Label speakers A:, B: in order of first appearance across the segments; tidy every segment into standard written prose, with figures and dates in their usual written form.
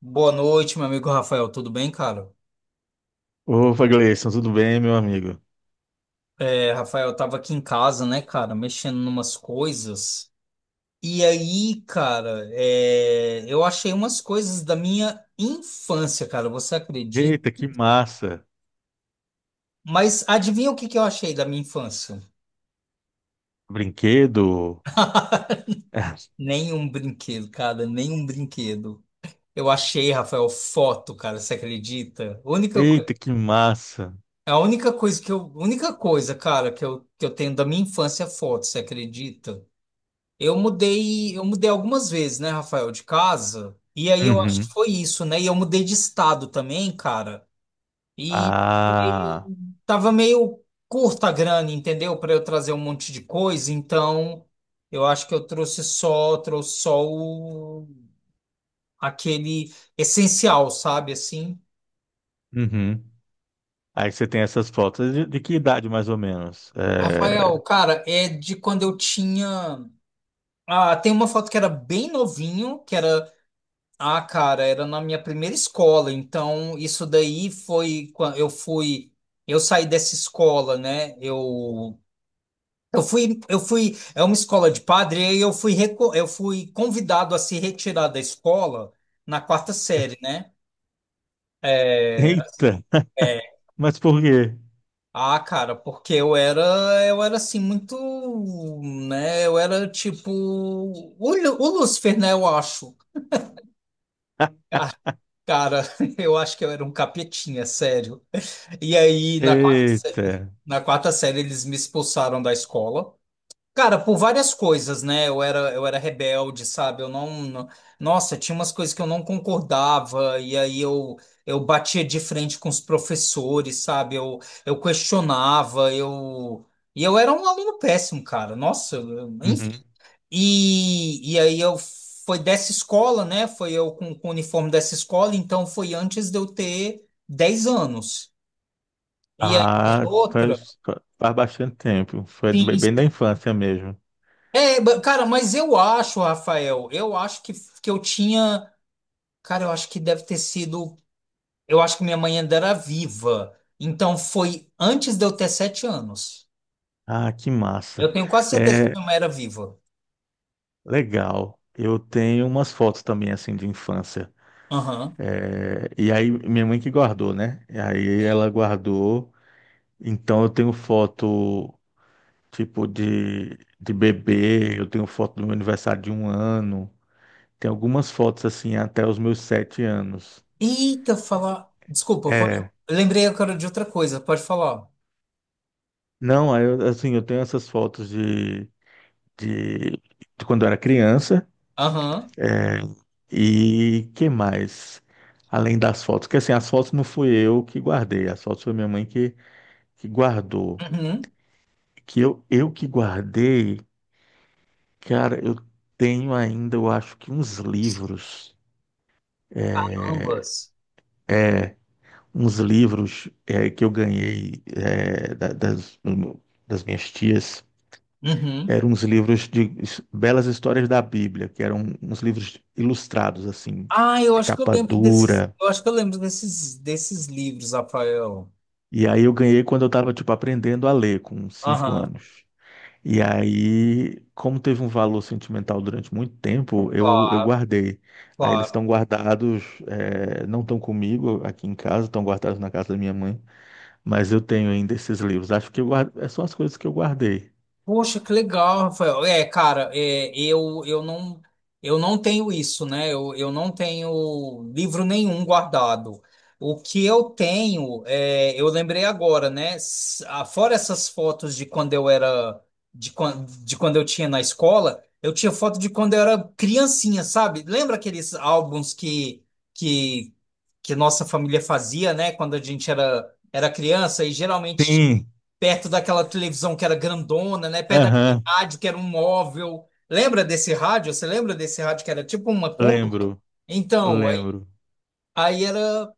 A: Boa noite, meu amigo Rafael. Tudo bem, cara?
B: Opa, Gleison, tudo bem, meu amigo?
A: É, Rafael, eu tava aqui em casa, né, cara, mexendo numas coisas. E aí, cara, eu achei umas coisas da minha infância, cara. Você acredita?
B: Eita, que massa!
A: Mas adivinha o que que eu achei da minha infância?
B: Brinquedo?
A: Nenhum brinquedo, cara, nenhum brinquedo. Eu achei, Rafael, foto, cara. Você acredita? A Única, co-
B: Eita, que massa!
A: a única coisa que eu, única coisa, cara, que eu tenho da minha infância é foto. Você acredita? Eu mudei algumas vezes, né, Rafael, de casa. E aí eu acho que
B: Uhum.
A: foi isso, né? E eu mudei de estado também, cara. E tava meio,
B: Ah,
A: tava meio curta a grana, entendeu? Para eu trazer um monte de coisa. Então, eu acho que eu trouxe só aquele essencial, sabe? Assim.
B: uhum. Aí você tem essas fotos. De que idade, mais ou menos?
A: Rafael, cara, é de quando eu tinha. Ah, tem uma foto que era bem novinho, que era Ah, cara, era na minha primeira escola, então isso daí foi quando eu saí dessa escola, né? É uma escola de padre, e aí eu fui convidado a se retirar da escola na quarta série, né? É,
B: Eita,
A: é.
B: mas por quê?
A: Cara, porque eu era assim muito, né? Eu era tipo o Lúcifer, né? Eu acho. Cara, eu acho que eu era um capetinha, sério. E aí na quarta
B: Eita.
A: Na quarta série, eles me expulsaram da escola. Cara, por várias coisas, né? Eu era rebelde, sabe? Eu não, não- Nossa, tinha umas coisas que eu não concordava, e aí eu batia de frente com os professores, sabe? Eu questionava, eu. E eu era um aluno péssimo, cara. Nossa, enfim.
B: Uhum.
A: E aí eu. Foi dessa escola, né? Foi eu com o uniforme dessa escola, então foi antes de eu ter 10 anos. E aí as
B: Ah,
A: outras.
B: faz bastante tempo. Foi
A: Sim,
B: bem bem da infância mesmo.
A: Cara, mas eu acho, Rafael, eu acho que eu tinha. Cara, eu acho que deve ter sido. Eu acho que minha mãe ainda era viva. Então foi antes de eu ter 7 anos.
B: Ah, que
A: Eu
B: massa.
A: tenho quase certeza que
B: É,
A: minha mãe era viva.
B: legal. Eu tenho umas fotos também, assim, de infância.
A: Aham.
B: É, e aí, minha mãe que guardou, né? E aí ela guardou. Então, eu tenho foto, tipo, de bebê. Eu tenho foto do meu aniversário de 1 ano. Tem algumas fotos, assim, até os meus 7 anos.
A: Eita, falar. Desculpa, pode...
B: É.
A: eu lembrei agora de outra coisa, pode falar.
B: Não, aí assim, eu tenho essas fotos de, de quando eu era criança.
A: Aham.
B: E que mais? Além das fotos. Porque, assim, as fotos não fui eu que guardei. As fotos foi minha mãe que guardou,
A: Uhum.
B: que eu que guardei, cara, eu tenho ainda, eu acho que uns livros,
A: Ambas.
B: uns livros eh, que eu ganhei das minhas tias,
A: Uhum.
B: eram uns livros de belas histórias da Bíblia, que eram uns livros ilustrados, assim,
A: Ah, eu
B: de
A: acho que eu
B: capa
A: lembro desses.
B: dura.
A: Eu acho que eu lembro desses, desses livros, Rafael.
B: E aí eu ganhei quando eu estava, tipo, aprendendo a ler, com cinco
A: Aham.
B: anos. E aí, como teve um valor sentimental durante muito tempo, eu
A: Claro,
B: guardei. Aí eles
A: claro.
B: estão guardados, não estão comigo aqui em casa, estão guardados na casa da minha mãe, mas eu tenho ainda esses livros. Acho que eu guardo, é só as coisas que eu guardei.
A: Poxa, que legal, Rafael. É, cara, eu não tenho isso, né? Eu não tenho livro nenhum guardado. O que eu tenho, eu lembrei agora, né? Fora essas fotos de quando eu era, de quando eu tinha na escola, eu tinha foto de quando eu era criancinha, sabe? Lembra aqueles álbuns que, que nossa família fazia, né? Quando a gente era criança e geralmente
B: Sim,
A: perto daquela televisão que era grandona, né? Perto daquele
B: aham,
A: rádio que era um móvel. Lembra desse rádio? Você lembra desse rádio que era tipo uma cômoda?
B: lembro,
A: Então, aí,
B: lembro.
A: aí era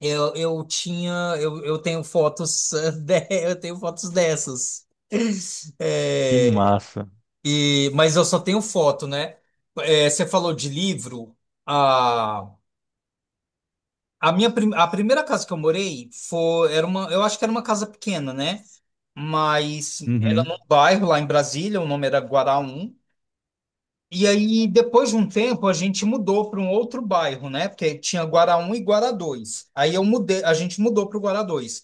A: eu tinha eu tenho fotos eu tenho fotos dessas.
B: Que
A: É,
B: massa.
A: e, mas eu só tenho foto, né? É, você falou de livro. A, a primeira casa que eu morei eu acho que era uma casa pequena, né? Mas era
B: Uhum,
A: num bairro lá em Brasília, o nome era Guaraum. E aí, depois de um tempo, a gente mudou para um outro bairro, né? Porque tinha Guará um e Guará dois. A gente mudou para o Guará dois.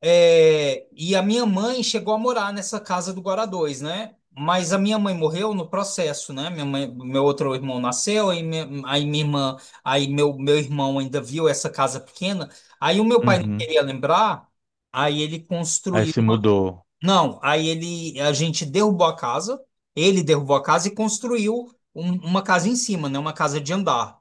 A: É, e a minha mãe chegou a morar nessa casa do Guará dois, né? Mas a minha mãe morreu no processo, né? Minha mãe, meu outro irmão nasceu, aí minha irmã, aí meu irmão ainda viu essa casa pequena. Aí o meu pai não
B: uhum.
A: queria lembrar, aí ele
B: Aí
A: construiu.
B: se mudou.
A: Não, a gente derrubou a casa, ele derrubou a casa e construiu uma casa em cima, né? Uma casa de andar.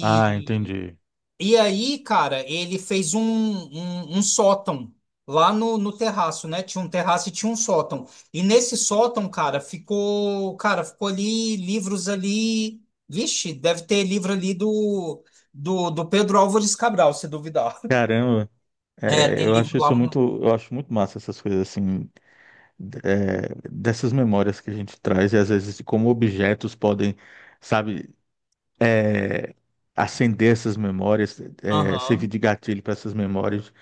B: Ah, entendi.
A: e aí, cara, ele fez um sótão lá no terraço, né? Tinha um terraço e tinha um sótão. E nesse sótão, cara, ficou ali livros ali. Vixe, deve ter livro ali do Pedro Álvares Cabral, se duvidar.
B: Caramba,
A: É,
B: é,
A: tem
B: eu
A: livro
B: acho isso
A: lá.
B: muito, eu acho muito massa essas coisas assim, é, dessas memórias que a gente traz e às vezes de como objetos podem, sabe, é, acender essas memórias, servir
A: Aham.
B: de gatilho para essas memórias.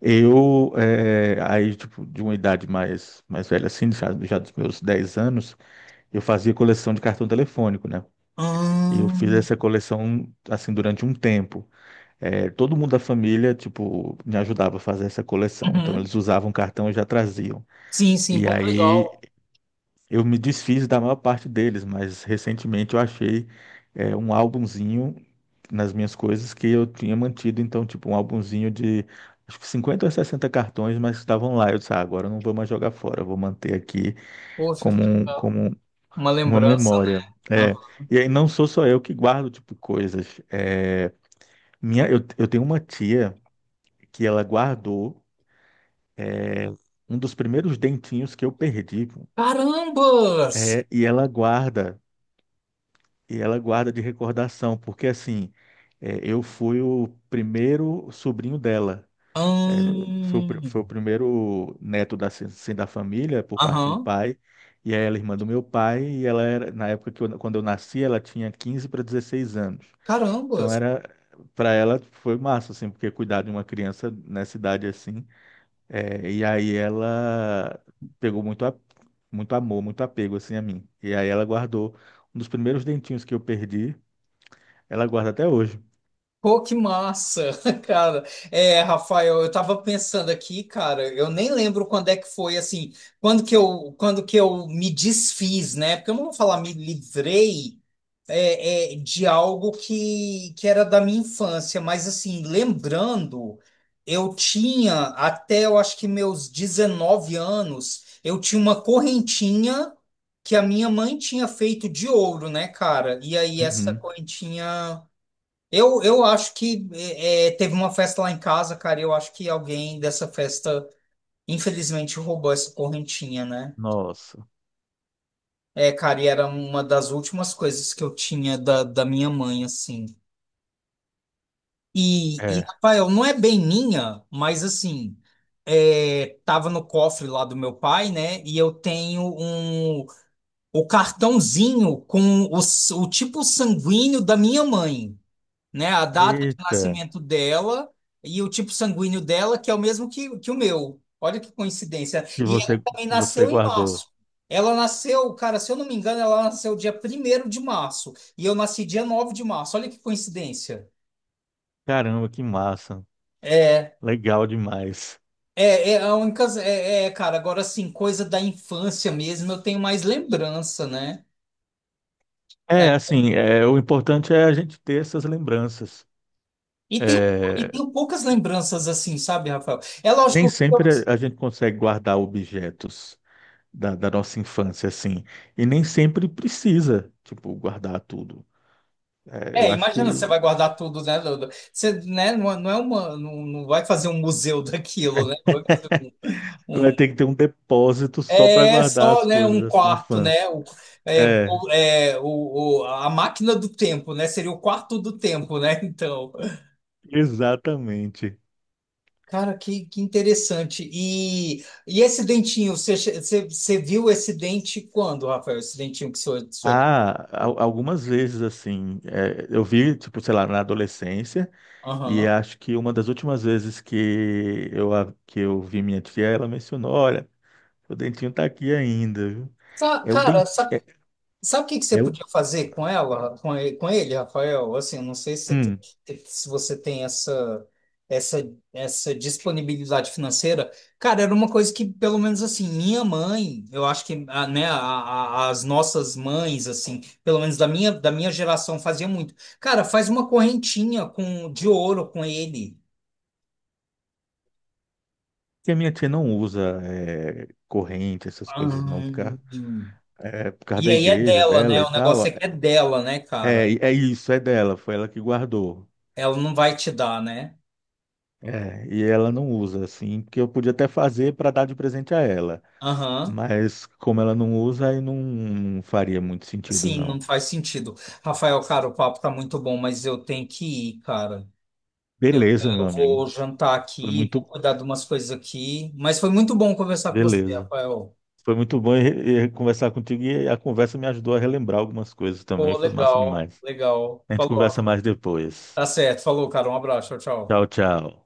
B: Eu, é, aí, tipo, de uma idade mais velha, assim, já dos meus 10 anos, eu fazia coleção de cartão telefônico, né? E eu fiz
A: Ahn.
B: essa coleção, assim, durante um tempo. É, todo mundo da família, tipo, me ajudava a fazer essa coleção. Então,
A: Uhum.
B: eles usavam cartão e já traziam.
A: Sim, sim,
B: E
A: pô, que
B: aí
A: legal.
B: eu me desfiz da maior parte deles, mas recentemente eu achei é, um álbumzinho nas minhas coisas que eu tinha mantido, então, tipo, um álbumzinho de acho que 50 ou 60 cartões, mas estavam lá. Eu disse, ah, agora eu não vou mais jogar fora, eu vou manter aqui
A: Poxa, que
B: como,
A: legal.
B: como
A: Uma
B: uma
A: lembrança,
B: memória.
A: né? Ah.
B: É, e aí não sou só eu que guardo, tipo, coisas. É, eu tenho uma tia que ela guardou um dos primeiros dentinhos que eu perdi,
A: Carambas!
B: é, e ela guarda. E ela guarda de recordação, porque assim, eu fui o primeiro sobrinho dela. Eh, foi o, pri-
A: Ahn.
B: foi o primeiro neto da, assim, da família, por parte de
A: Aham.
B: pai, e aí ela é irmã do meu pai, e ela era, na época que eu, quando eu nasci, ela tinha 15 para 16 anos. Então
A: Carambas!
B: era, para ela foi massa, assim, porque cuidar de uma criança nessa idade assim, e aí ela pegou muito, muito amor, muito apego, assim, a mim. E aí ela guardou um dos primeiros dentinhos que eu perdi, ela guarda até hoje.
A: Pô, que massa, cara. É, Rafael, eu tava pensando aqui, cara, eu nem lembro quando é que foi, assim, quando que eu me desfiz, né? Porque eu não vou falar me livrei, de algo que era da minha infância, mas assim, lembrando, eu tinha até eu acho que meus 19 anos, eu tinha uma correntinha que a minha mãe tinha feito de ouro, né, cara? E aí essa
B: Uhum.
A: correntinha. Eu acho que teve uma festa lá em casa, cara, e eu acho que alguém dessa festa, infelizmente, roubou essa correntinha, né?
B: Nossa.
A: É, cara, e era uma das últimas coisas que eu tinha da minha mãe, assim.
B: É.
A: Rafael, não é bem minha, mas assim, tava no cofre lá do meu pai, né? E eu tenho o cartãozinho com o tipo sanguíneo da minha mãe, né? A data de
B: Eita.
A: nascimento dela e o tipo sanguíneo dela, que é o mesmo que o meu. Olha que coincidência.
B: E
A: E ela
B: você,
A: também
B: você
A: nasceu em
B: guardou.
A: março. Ela nasceu, cara, se eu não me engano, ela nasceu dia 1º de março. E eu nasci dia 9 de março. Olha que coincidência.
B: Caramba, que massa.
A: É,
B: Legal demais.
A: É. É a única. Cara, agora assim, coisa da infância mesmo, eu tenho mais lembrança, né? É.
B: É, assim, é, o importante é a gente ter essas lembranças.
A: E tem e
B: É,
A: tenho poucas lembranças assim, sabe, Rafael? É
B: nem
A: lógico que.
B: sempre a gente consegue guardar objetos da nossa infância, assim. E nem sempre precisa, tipo, guardar tudo. É, eu
A: É,
B: acho
A: imagina, você
B: que
A: vai guardar tudo, né? Duda? Você, né, não, não é uma. Não, não vai fazer um museu daquilo, né?
B: vai
A: Um-
B: ter que ter um depósito só para
A: é
B: guardar
A: só,
B: as
A: né,
B: coisas
A: um
B: da sua
A: quarto, né?
B: infância.
A: O, é,
B: É,
A: o, é, o- a máquina do tempo, né? Seria o quarto do tempo, né? Então.
B: exatamente.
A: Cara, que interessante. E esse dentinho, você viu esse dente quando, Rafael? Esse dentinho que sou, sou...
B: Ah, algumas vezes assim, é, eu vi, tipo, sei lá, na adolescência, e
A: Aham.
B: acho que uma das últimas vezes que eu vi minha tia, ela mencionou, olha, o dentinho tá aqui ainda, viu? É o
A: Cara,
B: dentinho,
A: sabe o que que você
B: é o...
A: podia fazer com ele, Rafael? Assim, não sei
B: Hum,
A: se você tem essa, essa disponibilidade financeira. Cara, era uma coisa que, pelo menos assim, minha mãe, eu acho que, né, as nossas mães, assim, pelo menos da minha geração, fazia muito. Cara, faz uma correntinha com, de ouro com ele.
B: que a minha tia não usa corrente, essas coisas não, por
A: Ahn.
B: causa, é, por causa
A: E
B: da
A: aí é
B: igreja
A: dela,
B: dela
A: né?
B: e
A: O
B: tal.
A: negócio é que é dela, né,
B: É,
A: cara?
B: é isso, é dela, foi ela que guardou.
A: Ela não vai te dar, né?
B: É, e ela não usa, assim, porque eu podia até fazer para dar de presente a ela.
A: Aham.
B: Mas como ela não usa, aí não faria muito sentido,
A: Sim, não
B: não.
A: faz sentido. Rafael, cara, o papo tá muito bom, mas eu tenho que ir, cara. Eu,
B: Beleza,
A: eu
B: meu amigo.
A: vou jantar
B: Foi
A: aqui, vou
B: muito.
A: cuidar de umas coisas aqui. Mas foi muito bom conversar com você,
B: Beleza.
A: Rafael.
B: Foi muito bom e conversar contigo e a conversa me ajudou a relembrar algumas coisas também.
A: Pô,
B: Foi massa
A: legal,
B: demais.
A: legal.
B: A gente
A: Falou, Rafa.
B: conversa mais depois.
A: Tá certo. Falou, cara. Um abraço. Tchau,
B: Tchau,
A: tchau.
B: tchau.